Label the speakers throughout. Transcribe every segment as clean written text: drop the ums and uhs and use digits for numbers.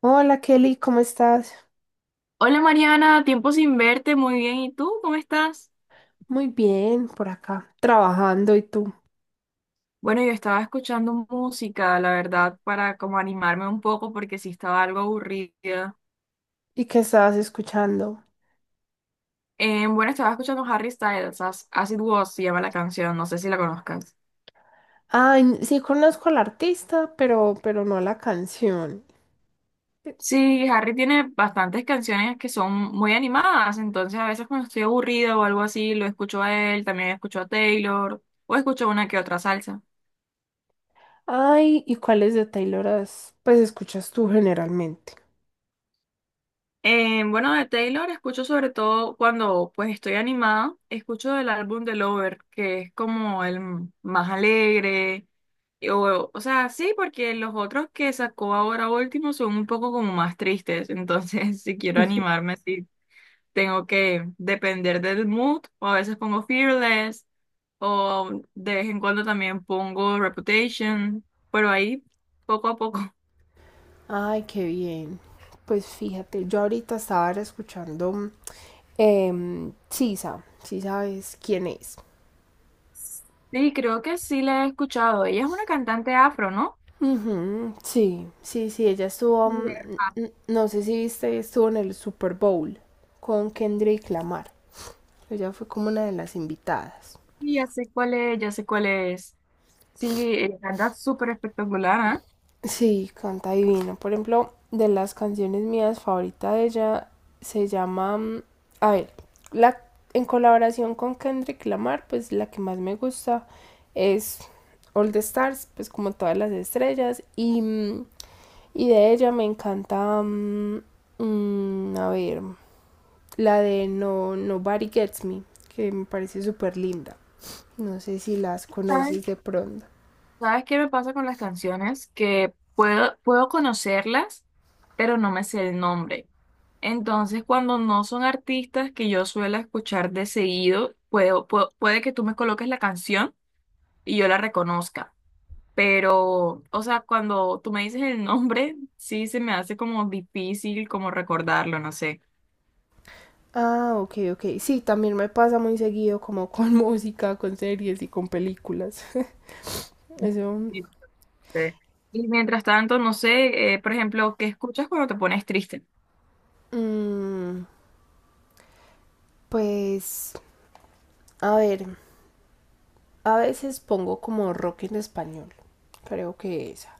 Speaker 1: Hola Kelly, ¿cómo estás?
Speaker 2: Hola Mariana, tiempo sin verte, muy bien. ¿Y tú cómo estás?
Speaker 1: Muy bien, por acá, trabajando y tú.
Speaker 2: Bueno, yo estaba escuchando música, la verdad, para como animarme un poco porque sí estaba algo aburrida.
Speaker 1: ¿Y qué estabas escuchando?
Speaker 2: Bueno, estaba escuchando Harry Styles, As It Was se llama la canción, no sé si la conozcas.
Speaker 1: Ay, sí conozco al artista, pero no la canción.
Speaker 2: Sí, Harry tiene bastantes canciones que son muy animadas, entonces a veces cuando estoy aburrida o algo así, lo escucho a él, también escucho a Taylor o escucho una que otra salsa.
Speaker 1: Ay, ¿y cuáles de Taylor pues escuchas tú generalmente?
Speaker 2: Bueno, de Taylor escucho sobre todo cuando pues estoy animada, escucho del álbum de Lover, que es como más alegre, o sea, sí, porque los otros que sacó ahora último son un poco como más tristes, entonces si quiero animarme, sí, tengo que depender del mood, o a veces pongo Fearless, o de vez en cuando también pongo Reputation, pero ahí poco a poco.
Speaker 1: Ay, qué bien. Pues fíjate, yo ahorita estaba escuchando Sisa, si sabes quién es.
Speaker 2: Sí, creo que sí la he escuchado. Ella es una cantante afro, ¿no?
Speaker 1: Ujú, sí, sí, sí, ella estuvo,
Speaker 2: Mira,
Speaker 1: no sé si viste, estuvo en el Super Bowl con Kendrick Lamar. Ella fue como una de las invitadas.
Speaker 2: sí, ya sé cuál es, ya sé cuál es. Sí, la verdad, súper espectacular, ¿eh?
Speaker 1: Sí, canta divino. Por ejemplo, de las canciones mías favorita de ella se llama, a ver, la en colaboración con Kendrick Lamar, pues la que más me gusta es All the Stars, pues como todas las estrellas. Y y de ella me encanta a ver, la de No Nobody Gets Me, que me parece súper linda. No sé si las
Speaker 2: ¿Sabes?
Speaker 1: conoces de pronto.
Speaker 2: ¿Sabes qué me pasa con las canciones? Que puedo conocerlas, pero no me sé el nombre. Entonces, cuando no son artistas que yo suelo escuchar de seguido, puede que tú me coloques la canción y yo la reconozca. Pero, o sea, cuando tú me dices el nombre, sí se me hace como difícil como recordarlo, no sé.
Speaker 1: Ah, ok, ok. Sí, también me pasa muy seguido como con música, con series y con películas. Eso.
Speaker 2: Sí. Y mientras tanto, no sé, por ejemplo, ¿qué escuchas cuando te pones triste?
Speaker 1: mm, pues, a ver, a veces pongo como rock en español. Creo que esa.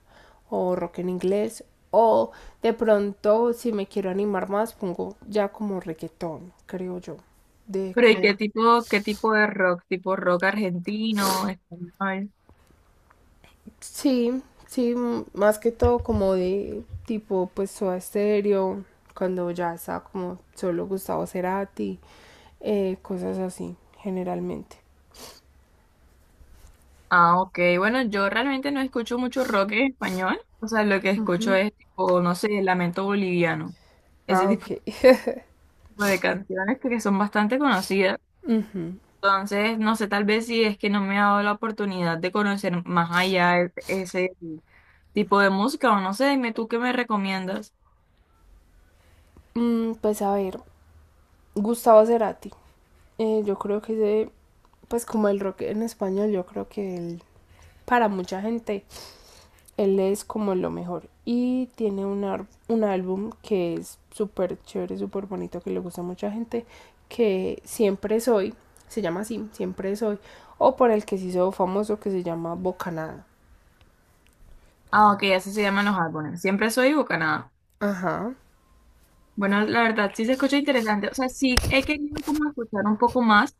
Speaker 1: O rock en inglés. O de pronto, si me quiero animar más, pongo ya como reggaetón, creo yo. De
Speaker 2: Pero ¿y
Speaker 1: como
Speaker 2: qué tipo de rock? ¿Tipo rock argentino, español?
Speaker 1: sí, sí, más que todo como de tipo pues Soda Stereo, cuando ya estaba como solo Gustavo Cerati, cosas así, generalmente.
Speaker 2: Ah, ok. Bueno, yo realmente no escucho mucho rock en español. O sea, lo que escucho
Speaker 1: Ujú.
Speaker 2: es tipo, no sé, Lamento Boliviano. Ese
Speaker 1: Ah,
Speaker 2: tipo
Speaker 1: ok.
Speaker 2: de canciones que son bastante conocidas.
Speaker 1: Ujú.
Speaker 2: Entonces, no sé, tal vez si es que no me ha dado la oportunidad de conocer más allá ese tipo de música o no sé, dime tú qué me recomiendas.
Speaker 1: Mm, pues a ver, Gustavo Cerati. Yo creo que ese, pues como el rock en español, yo creo que él, para mucha gente él es como lo mejor. Y tiene un, un álbum que es súper chévere, súper bonito, que le gusta a mucha gente, que Siempre Soy, se llama así, Siempre Soy, o por el que se hizo famoso que se llama Bocanada.
Speaker 2: Ah, ok, así se llaman los álbumes. Siempre soy Bucanada.
Speaker 1: Ajá,
Speaker 2: Bueno, la verdad sí se escucha interesante. O sea, sí he querido como escuchar un poco más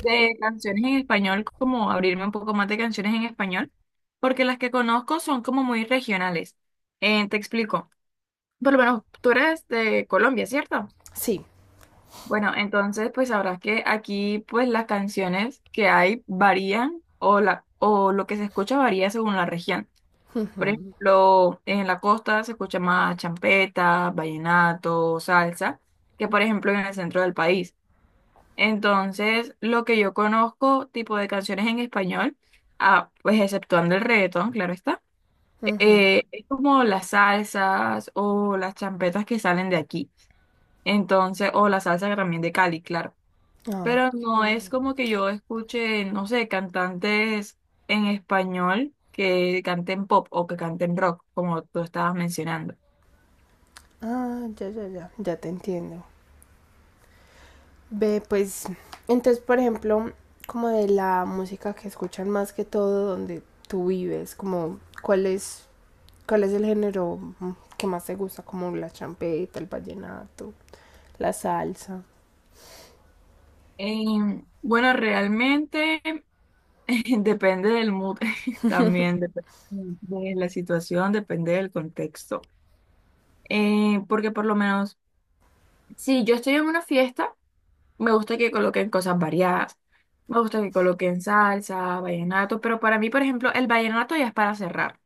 Speaker 2: de canciones en español, como abrirme un poco más de canciones en español, porque las que conozco son como muy regionales. Te explico. Por lo menos tú eres de Colombia, ¿cierto?
Speaker 1: sí.
Speaker 2: Bueno, entonces pues sabrás que aquí pues las canciones que hay varían o lo que se escucha varía según la región. Por ejemplo, en la costa se escucha más champeta, vallenato, salsa, que por ejemplo en el centro del país. Entonces, lo que yo conozco, tipo de canciones en español, ah, pues exceptuando el reggaetón, claro está,
Speaker 1: Ujú.
Speaker 2: es como las salsas o las champetas que salen de aquí. Entonces, o la salsa también de Cali, claro.
Speaker 1: Ay,
Speaker 2: Pero
Speaker 1: qué
Speaker 2: no es
Speaker 1: bien.
Speaker 2: como que yo escuche, no sé, cantantes en español que canten pop o que canten rock, como tú estabas mencionando.
Speaker 1: Ah, ya, ya, ya, ya te entiendo. Ve, pues, entonces, por ejemplo, como de la música que escuchan más que todo donde tú vives, como cuál es. ¿Cuál es el género que más te gusta? Como la champeta, el vallenato, la salsa.
Speaker 2: Bueno, realmente depende del mood, también depende de la situación, depende del contexto. Porque por lo menos, si yo estoy en una fiesta, me gusta que coloquen cosas variadas. Me gusta que coloquen salsa, vallenato, pero para mí, por ejemplo, el vallenato ya es para cerrar.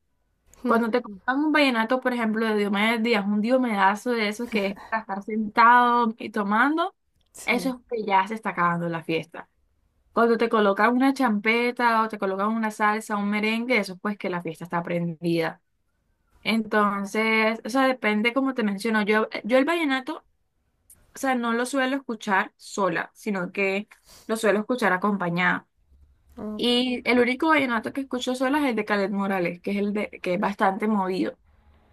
Speaker 2: Cuando te compras un vallenato, por ejemplo, de Diomedes Díaz, un diomedazo de esos que es para estar sentado y tomando, eso
Speaker 1: Sí.
Speaker 2: es que ya se está acabando la fiesta. Cuando te colocan una champeta o te colocan una salsa, un merengue, eso pues que la fiesta está prendida. Entonces, o sea, depende como te menciono. Yo el vallenato, o sea, no lo suelo escuchar sola, sino que lo suelo escuchar acompañada.
Speaker 1: Ok.
Speaker 2: Y el único vallenato que escucho sola es el de Calet Morales, que es que es bastante movido.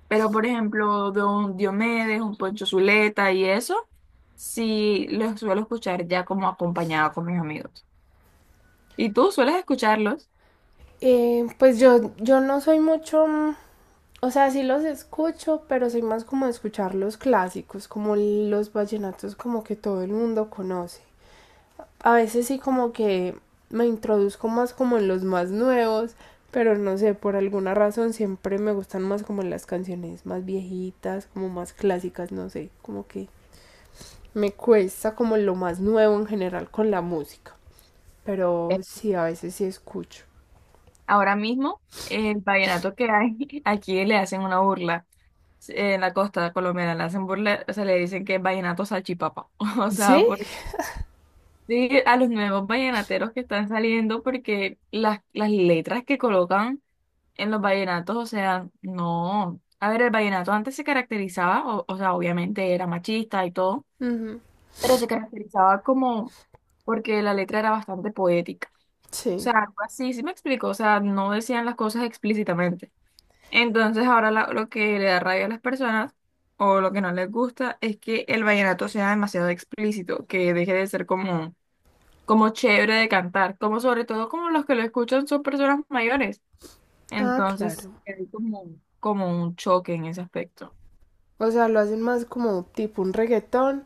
Speaker 2: Pero, por ejemplo, de un Diomedes, un Poncho Zuleta y eso, sí los suelo escuchar ya como acompañado con mis amigos. ¿Y tú sueles escucharlos?
Speaker 1: Pues yo, yo no soy mucho, o sea, sí los escucho, pero soy más como de escuchar los clásicos, como los vallenatos como que todo el mundo conoce. A veces sí como que me introduzco más como en los más nuevos, pero no sé, por alguna razón siempre me gustan más como las canciones más viejitas, como más clásicas, no sé, como que me cuesta como lo más nuevo en general con la música, pero
Speaker 2: Eh,
Speaker 1: sí, a veces sí escucho.
Speaker 2: Ahora mismo, el vallenato que hay, aquí le hacen una burla. Sí, en la costa colombiana le hacen burla, o sea, le dicen que es vallenato salchipapa. O
Speaker 1: ¿Sí?
Speaker 2: sea, por, sí, a los nuevos vallenateros que están saliendo, porque las letras que colocan en los vallenatos, o sea, no. A ver, el vallenato antes se caracterizaba, o sea, obviamente era machista y todo,
Speaker 1: Ujú,
Speaker 2: pero se caracterizaba como porque la letra era bastante poética. O
Speaker 1: sí,
Speaker 2: sea, algo así, sí me explico, o sea, no decían las cosas explícitamente. Entonces ahora lo que le da rabia a las personas, o lo que no les gusta, es que el vallenato sea demasiado explícito, que deje de ser como, como chévere de cantar, como sobre todo como los que lo escuchan son personas mayores.
Speaker 1: ah,
Speaker 2: Entonces,
Speaker 1: claro.
Speaker 2: hay como, como un choque en ese aspecto.
Speaker 1: O sea, lo hacen más como tipo un reggaetón,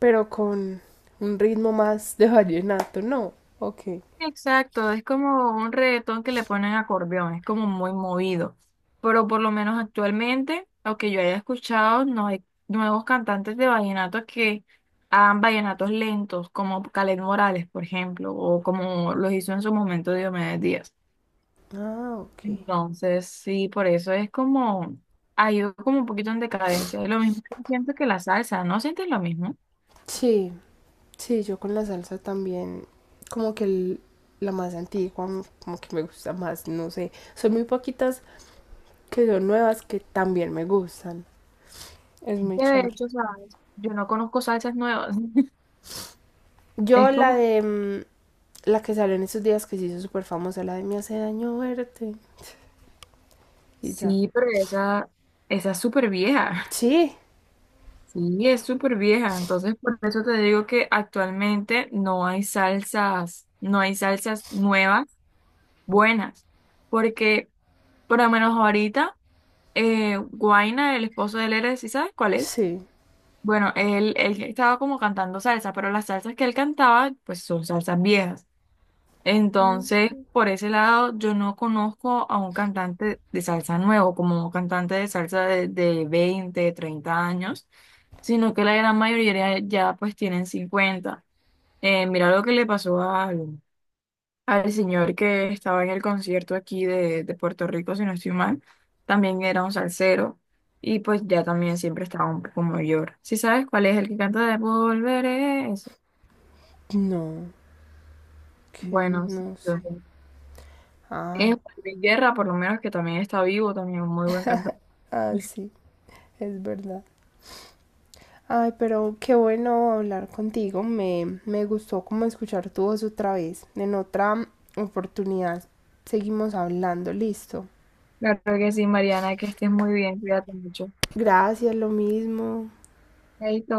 Speaker 1: pero con un ritmo más de vallenato, ¿no? Ok.
Speaker 2: Exacto, es como un reggaetón que le ponen acordeón, es como muy movido. Pero por lo menos actualmente, aunque yo haya escuchado, no hay nuevos cantantes de vallenatos que hagan vallenatos lentos, como Caled Morales, por ejemplo, o como los hizo en su momento Diomedes Díaz.
Speaker 1: Ah, ok.
Speaker 2: Entonces, sí, por eso es como, ha ido como un poquito en decadencia. Es lo mismo que siento que la salsa, ¿no sientes lo mismo?
Speaker 1: Sí, sí, yo con la salsa también, como que la más antigua, como que me gusta más, no sé. Son muy poquitas que son nuevas que también me gustan. Es muy
Speaker 2: De
Speaker 1: chévere.
Speaker 2: hecho, ¿sabes? Yo no conozco salsas nuevas.
Speaker 1: Yo
Speaker 2: Es
Speaker 1: la
Speaker 2: como,
Speaker 1: de la que salió en estos días que se hizo súper famosa, la de me hace daño verte. Y ya.
Speaker 2: sí, pero esa es súper vieja.
Speaker 1: Sí,
Speaker 2: Sí, es súper vieja. Entonces, por eso te digo que actualmente no hay salsas, no hay salsas nuevas buenas. Porque, por lo menos ahorita, Guaina, el esposo de Lere, ¿sí sabes cuál es?
Speaker 1: sí.
Speaker 2: Bueno, él estaba como cantando salsa, pero las salsas que él cantaba, pues son salsas viejas. Entonces,
Speaker 1: Mm.
Speaker 2: por ese lado, yo no conozco a un cantante de salsa nuevo, como un cantante de salsa de 20, 30 años, sino que la gran mayoría ya pues tienen 50. Mira lo que le pasó al, al señor que estaba en el concierto aquí de Puerto Rico, si no estoy mal, también era un salsero y pues ya también siempre estaba un poco mayor. ¿Si sabes cuál es el que canta de Volveré? Ese.
Speaker 1: No, que
Speaker 2: Bueno, sí,
Speaker 1: no sé.
Speaker 2: es
Speaker 1: Ay,
Speaker 2: Juan Luis Guerra, por lo menos que también está vivo, también un muy buen cantante.
Speaker 1: ah, sí, es verdad. Ay, pero qué bueno hablar contigo. Me gustó como escuchar tu voz otra vez. En otra oportunidad seguimos hablando, listo.
Speaker 2: Claro que sí, Mariana, que estés muy bien, cuídate mucho.
Speaker 1: Gracias, lo mismo.
Speaker 2: Chaito.